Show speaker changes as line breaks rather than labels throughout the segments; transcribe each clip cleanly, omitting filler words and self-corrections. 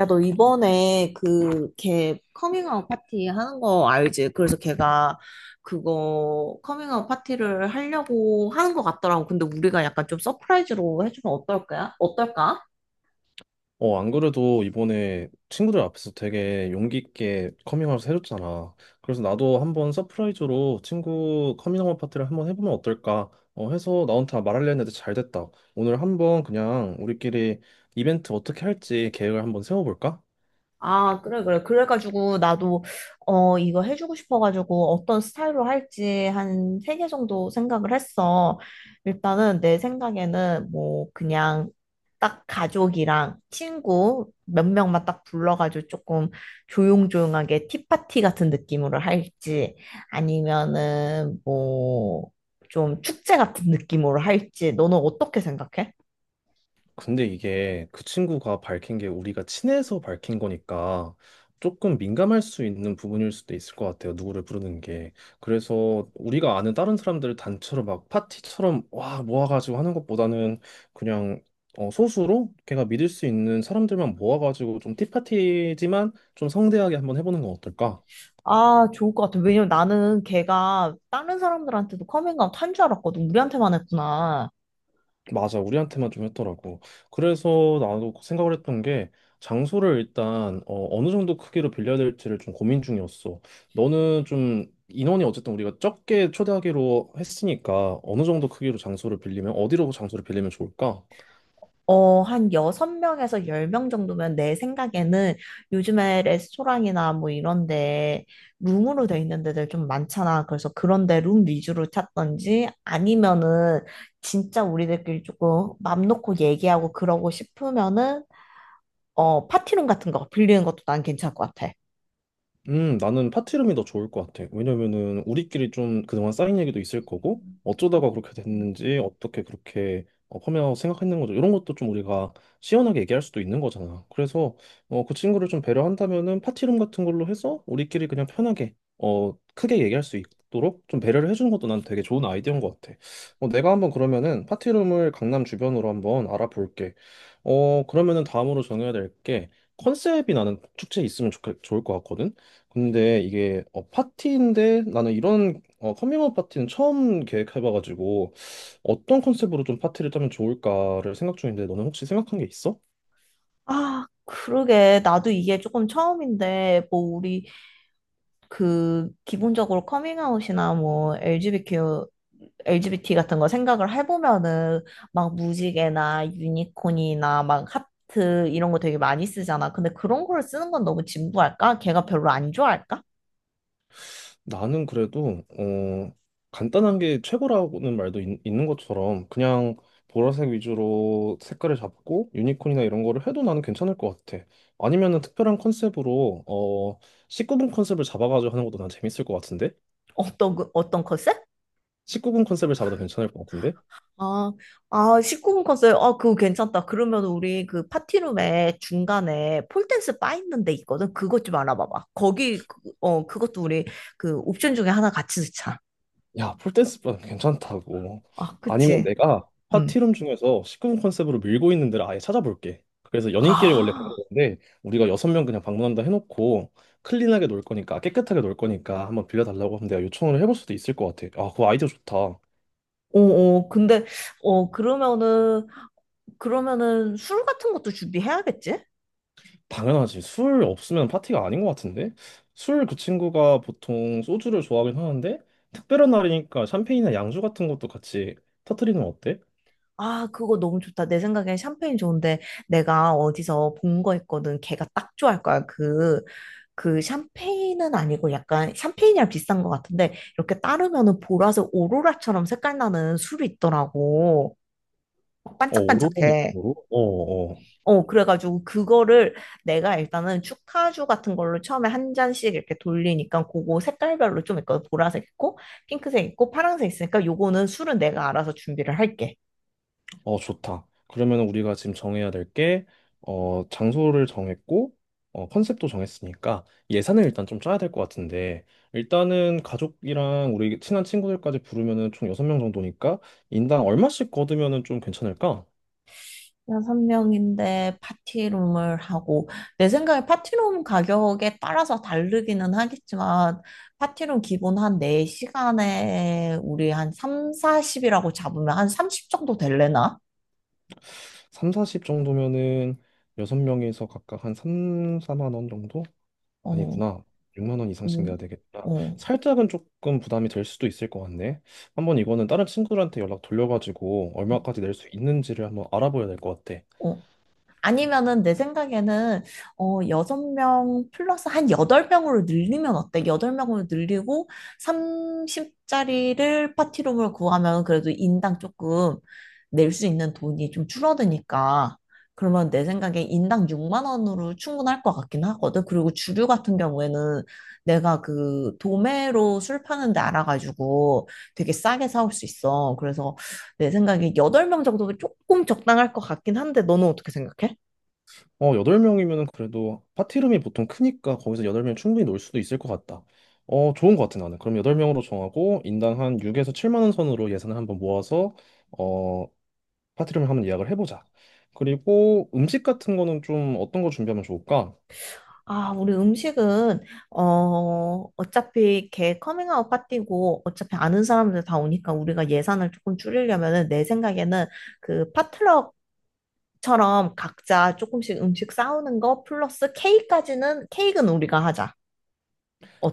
야, 너 이번에 걔 커밍아웃 파티 하는 거 알지? 그래서 걔가 그거 커밍아웃 파티를 하려고 하는 것 같더라고. 근데 우리가 약간 좀 서프라이즈로 해주면 어떨까? 어떨까?
안 그래도 이번에 친구들 앞에서 되게 용기 있게 커밍아웃 해줬잖아. 그래서 나도 한번 서프라이즈로 친구 커밍아웃 파티를 한번 해보면 어떨까? 해서 나한테 말하려 했는데 잘 됐다. 오늘 한번 그냥 우리끼리 이벤트 어떻게 할지 계획을 한번 세워볼까?
아, 그래, 그래. 그래가지고, 나도, 이거 해주고 싶어가지고, 어떤 스타일로 할지 한 세 개 정도 생각을 했어. 일단은, 내 생각에는, 뭐, 그냥, 딱 가족이랑 친구 몇 명만 딱 불러가지고 조금 조용조용하게 티파티 같은 느낌으로 할지, 아니면은, 뭐, 좀 축제 같은 느낌으로 할지, 너는 어떻게 생각해?
근데 이게 그 친구가 밝힌 게 우리가 친해서 밝힌 거니까 조금 민감할 수 있는 부분일 수도 있을 것 같아요. 누구를 부르는 게. 그래서 우리가 아는 다른 사람들을 단체로 막 파티처럼 와 모아가지고 하는 것보다는 그냥 소수로 걔가 믿을 수 있는 사람들만 모아가지고 좀 티파티지만 좀 성대하게 한번 해보는 건 어떨까?
아, 좋을 것 같아. 왜냐면 나는 걔가 다른 사람들한테도 커밍아웃 한 줄 알았거든. 우리한테만 했구나.
맞아, 우리한테만 좀 했더라고. 그래서 나도 생각을 했던 게 장소를 일단 어느 정도 크기로 빌려야 될지를 좀 고민 중이었어. 너는 좀 인원이 어쨌든 우리가 적게 초대하기로 했으니까 어느 정도 크기로 장소를 빌리면 어디로 장소를 빌리면 좋을까?
어, 한 여섯 명에서 열 명 정도면 내 생각에는 요즘에 레스토랑이나 뭐 이런데 룸으로 돼 있는 데들 좀 많잖아. 그래서 그런데 룸 위주로 찾던지 아니면은 진짜 우리들끼리 조금 맘 놓고 얘기하고 그러고 싶으면은 파티룸 같은 거 빌리는 것도 난 괜찮을 것 같아.
나는 파티룸이 더 좋을 것 같아. 왜냐면은 우리끼리 좀 그동안 쌓인 얘기도 있을 거고, 어쩌다가 그렇게 됐는지, 어떻게 그렇게 펌웨어하고 생각했는 거죠. 이런 것도 좀 우리가 시원하게 얘기할 수도 있는 거잖아. 그래서 그 친구를 좀 배려한다면은 파티룸 같은 걸로 해서 우리끼리 그냥 편하게 크게 얘기할 수 있도록 좀 배려를 해주는 것도 난 되게 좋은 아이디어인 것 같아. 내가 한번 그러면은 파티룸을 강남 주변으로 한번 알아볼게. 그러면은 다음으로 정해야 될 게 컨셉이 나는 축제에 있으면 좋 좋을 것 같거든. 근데 이게 파티인데 나는 이런 컴밍아웃 파티는 처음 계획해봐가지고 어떤 컨셉으로 좀 파티를 짜면 좋을까를 생각 중인데 너는 혹시 생각한 게 있어?
아, 그러게. 나도 이게 조금 처음인데, 뭐, 우리 그 기본적으로 커밍아웃이나 뭐 LGBTQ LGBT 같은 거 생각을 해보면은 막 무지개나 유니콘이나 막 하트 이런 거 되게 많이 쓰잖아. 근데 그런 걸 쓰는 건 너무 진부할까? 걔가 별로 안 좋아할까?
나는 그래도 간단한 게 최고라는 말도 는 것처럼 그냥 보라색 위주로 색깔을 잡고 유니콘이나 이런 거를 해도 나는 괜찮을 것 같아. 아니면은 특별한 컨셉으로 19금 컨셉을 잡아가지고 하는 것도 난 재밌을 것 같은데?
어떤 컨셉?
19금 컨셉을 잡아도 괜찮을 것 같은데?
아, 아, 19금 컨셉. 아, 그거 괜찮다. 그러면 우리 그 파티룸에 중간에 폴댄스 바 있는 데 있거든. 그것 좀 알아봐봐. 그것도 우리 그 옵션 중에 하나 같이 넣자.
야, 폴댄스반 괜찮다고.
아,
아니면
그치.
내가
응.
파티룸 중에서 식구금 컨셉으로 밀고 있는 데를 아예 찾아볼게. 그래서 연인끼리 원래 가는
아,
건데 우리가 여섯 명 그냥 방문한다 해놓고 클린하게 놀 거니까 깨끗하게 놀 거니까 한번 빌려달라고 하면 내가 요청을 해볼 수도 있을 것 같아. 아, 그 아이디어 좋다.
어, 어, 근데, 어, 그러면은, 그러면은 술 같은 것도 준비해야겠지?
당연하지. 술 없으면 파티가 아닌 것 같은데? 술 그 친구가 보통 소주를 좋아하긴 하는데 특별한 날이니까 샴페인이나 양주 같은 것도 같이 터트리는 건 어때?
아, 그거 너무 좋다. 내 생각엔 샴페인 좋은데, 내가 어디서 본 거 있거든. 걔가 딱 좋아할 거야. 그, 그 샴페인은 아니고 약간 샴페인이랑 비싼 것 같은데, 이렇게 따르면은 보라색 오로라처럼 색깔 나는 술이 있더라고. 막
어, 오로라
반짝반짝해.
느낌으로? 어, 어.
어, 그래가지고 그거를 내가 일단은 축하주 같은 걸로 처음에 한 잔씩 이렇게 돌리니까 그거 색깔별로 좀 있거든. 보라색 있고, 핑크색 있고, 파란색 있으니까 요거는 술은 내가 알아서 준비를 할게.
좋다. 그러면 우리가 지금 정해야 될 게, 장소를 정했고, 컨셉도 정했으니까 예산을 일단 좀 짜야 될 것 같은데, 일단은 가족이랑 우리 친한 친구들까지 부르면은 총 6명 정도니까 인당 얼마씩 거두면은 좀 괜찮을까?
여섯 명인데 파티룸을 하고, 내 생각에 파티룸 가격에 따라서 다르기는 하겠지만, 파티룸 기본 한 4시간에 우리 한 3, 40이라고 잡으면 한 30 정도 될래나?
3, 40 정도면은 6명에서 각각 한 3, 4만 원 정도?
어,
아니구나. 6만 원 이상씩
어,
내야 되겠구나.
어.
살짝은 조금 부담이 될 수도 있을 것 같네. 한번 이거는 다른 친구들한테 연락 돌려가지고 얼마까지 낼 수 있는지를 한번 알아봐야 될 것 같아.
어. 아니면은 내 생각에는 어 여섯 명 플러스 한 여덟 명으로 늘리면 어때? 여덟 명으로 늘리고 30짜리를 파티룸을 구하면 그래도 인당 조금 낼 수 있는 돈이 좀 줄어드니까 그러면 내 생각에 인당 6만 원으로 충분할 것 같긴 하거든. 그리고 주류 같은 경우에는 내가 그 도매로 술 파는 데 알아가지고 되게 싸게 사올 수 있어. 그래서 내 생각에 8명 정도면 조금 적당할 것 같긴 한데, 너는 어떻게 생각해?
8명이면은 그래도 파티룸이 보통 크니까 거기서 8명 충분히 놀 수도 있을 것 같다. 좋은 것 같아 나는. 그럼 8명으로 정하고 인당 한 6에서 7만 원 선으로 예산을 한번 모아서 어, 파티룸을 한번 예약을 해보자. 그리고 음식 같은 거는 좀 어떤 거 준비하면 좋을까?
아, 우리 음식은, 어차피 걔 커밍아웃 파티고, 어차피 아는 사람들 다 오니까 우리가 예산을 조금 줄이려면은, 내 생각에는 그 파트럭처럼 각자 조금씩 음식 싸우는 거 플러스 케이크까지는, 케이크는 우리가 하자.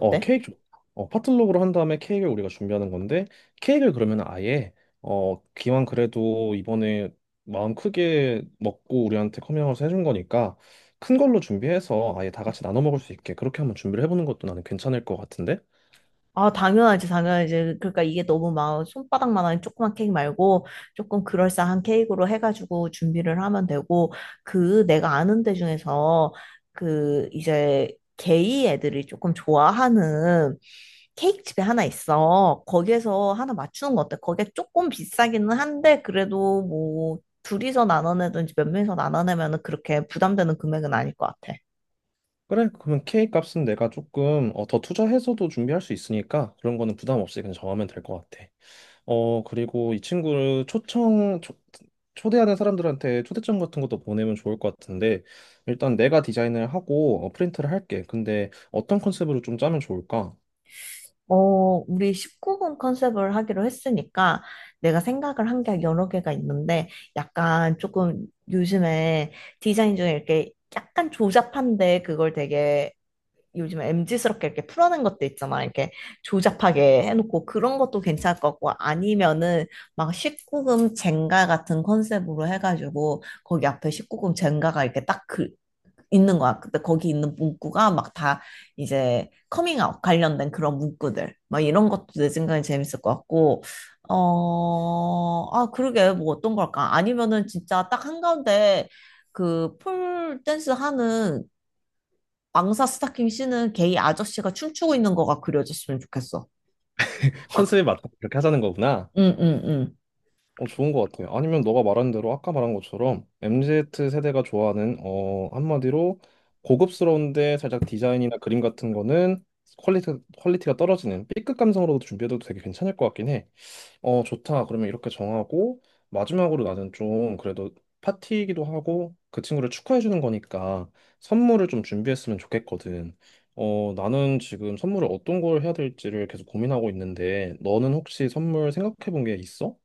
어, 케이크 좋다. 파틀록으로 한 다음에 케이크를 우리가 준비하는 건데, 케이크를 그러면 아예, 기왕 그래도 이번에 마음 크게 먹고 우리한테 커밍아웃을 해준 거니까, 큰 걸로 준비해서 아예 다 같이 나눠 먹을 수 있게 그렇게 한번 준비를 해보는 것도 나는 괜찮을 것 같은데?
아, 당연하지, 당연하지. 그러니까 이게 너무 막 손바닥만한 조그만 케이크 말고 조금 그럴싸한 케이크로 해가지고 준비를 하면 되고, 그 내가 아는 데 중에서 그 이제 게이 애들이 조금 좋아하는 케이크 집이 하나 있어. 거기에서 하나 맞추는 거 어때? 거기에 조금 비싸기는 한데, 그래도 뭐 둘이서 나눠내든지 몇 명이서 나눠내면은 그렇게 부담되는 금액은 아닐 것 같아.
그래, 그러면 케이크 값은 내가 조금 더 투자해서도 준비할 수 있으니까 그런 거는 부담 없이 그냥 정하면 될 것 같아. 그리고 이 친구를 초대하는 사람들한테 초대장 같은 것도 보내면 좋을 것 같은데, 일단 내가 디자인을 하고 프린트를 할게. 근데 어떤 컨셉으로 좀 짜면 좋을까?
어, 우리 19금 컨셉을 하기로 했으니까 내가 생각을 한 게 여러 개가 있는데 약간 조금 요즘에 디자인 중에 이렇게 약간 조잡한데 그걸 되게 요즘 m 지스럽게 이렇게 풀어낸 것도 있잖아. 이렇게 조잡하게 해놓고 그런 것도 괜찮을 것 같고 아니면은 막 19금 젠가 같은 컨셉으로 해가지고 거기 앞에 19금 젠가가 이렇게 딱 그, 있는 거야. 근데 거기 있는 문구가 막 다 이제 커밍아웃 관련된 그런 문구들. 막 이런 것도 내 생각에 재밌을 것 같고, 아, 그러게, 뭐 어떤 걸까? 아니면은 진짜 딱 한가운데 그 폴 댄스 하는 망사 스타킹 신은 게이 아저씨가 춤추고 있는 거가 그려졌으면 좋겠어.
컨셉에 맞게 이렇게 하자는 거구나.
응, 응, 응.
어, 좋은 것 같아요. 아니면 너가 말한 대로 아까 말한 것처럼 MZ 세대가 좋아하는, 어, 한마디로 고급스러운데 살짝 디자인이나 그림 같은 거는 퀄리티, 퀄리티가 떨어지는 B급 감성으로도 준비해도 되게 괜찮을 것 같긴 해. 좋다. 그러면 이렇게 정하고, 마지막으로 나는 좀 그래도 파티이기도 하고, 그 친구를 축하해주는 거니까 선물을 좀 준비했으면 좋겠거든. 나는 지금 선물을 어떤 걸 해야 될지를 계속 고민하고 있는데, 너는 혹시 선물 생각해 본 게 있어?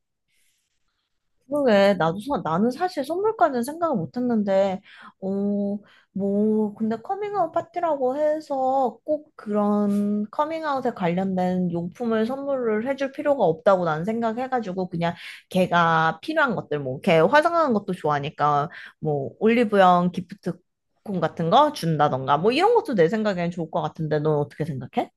나는 사실 선물까지는 생각을 못 했는데, 어, 뭐, 근데 커밍아웃 파티라고 해서 꼭 그런 커밍아웃에 관련된 용품을 선물을 해줄 필요가 없다고 난 생각해가지고, 그냥 걔가 필요한 것들, 뭐, 걔 화장하는 것도 좋아하니까, 뭐, 올리브영 기프트콘 같은 거 준다던가, 뭐, 이런 것도 내 생각엔 좋을 것 같은데, 넌 어떻게 생각해?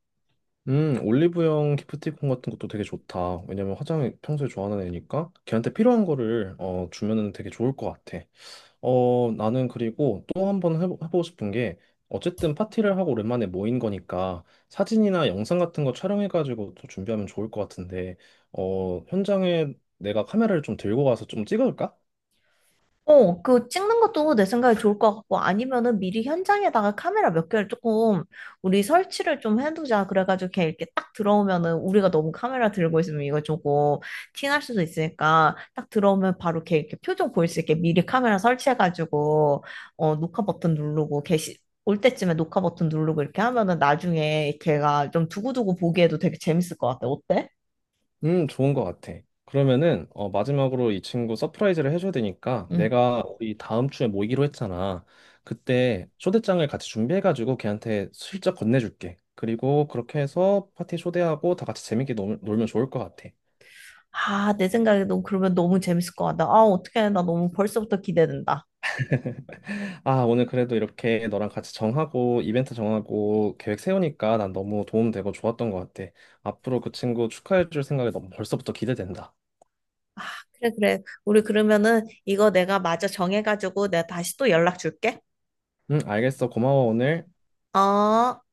올리브영 기프티콘 같은 것도 되게 좋다. 왜냐면 화장이 평소에 좋아하는 애니까 걔한테 필요한 거를 주면은 되게 좋을 것 같아. 나는 그리고 또 한 번 해보고 싶은 게, 어쨌든 파티를 하고 오랜만에 모인 거니까 사진이나 영상 같은 거 촬영해가지고 또 준비하면 좋을 것 같은데, 현장에 내가 카메라를 좀 들고 가서 좀 찍어줄까?
어, 그 찍는 것도 내 생각에 좋을 것 같고 아니면은 미리 현장에다가 카메라 몇 개를 조금 우리 설치를 좀 해두자. 그래가지고 걔 이렇게 딱 들어오면은 우리가 너무 카메라 들고 있으면 이거 조금 티날 수도 있으니까 딱 들어오면 바로 걔 이렇게 표정 보일 수 있게 미리 카메라 설치해가지고 어, 녹화 버튼 누르고 걔 시- 올 때쯤에 녹화 버튼 누르고 이렇게 하면은 나중에 걔가 좀 두고두고 보기에도 되게 재밌을 것 같아. 어때?
좋은 것 같아. 그러면은, 마지막으로 이 친구 서프라이즈를 해줘야 되니까,
응.
내가 우리 다음 주에 모이기로 했잖아. 그때 초대장을 같이 준비해가지고 걔한테 슬쩍 건네줄게. 그리고 그렇게 해서 파티 초대하고 다 같이 재밌게 놀면 좋을 것 같아.
아, 내 생각에도 그러면 너무 재밌을 것 같다. 아, 어떡해. 나 너무 벌써부터 기대된다.
아, 오늘 그래도 이렇게 너랑 같이 정하고 이벤트 정하고 계획 세우니까 난 너무 도움되고 좋았던 것 같아. 앞으로 그 친구 축하해줄 생각이 너무 벌써부터 기대된다.
그래, 그래. 우리 그러면은 이거 내가 마저 정해가지고 내가 다시 또 연락 줄게.
응, 알겠어. 고마워, 오늘.
어.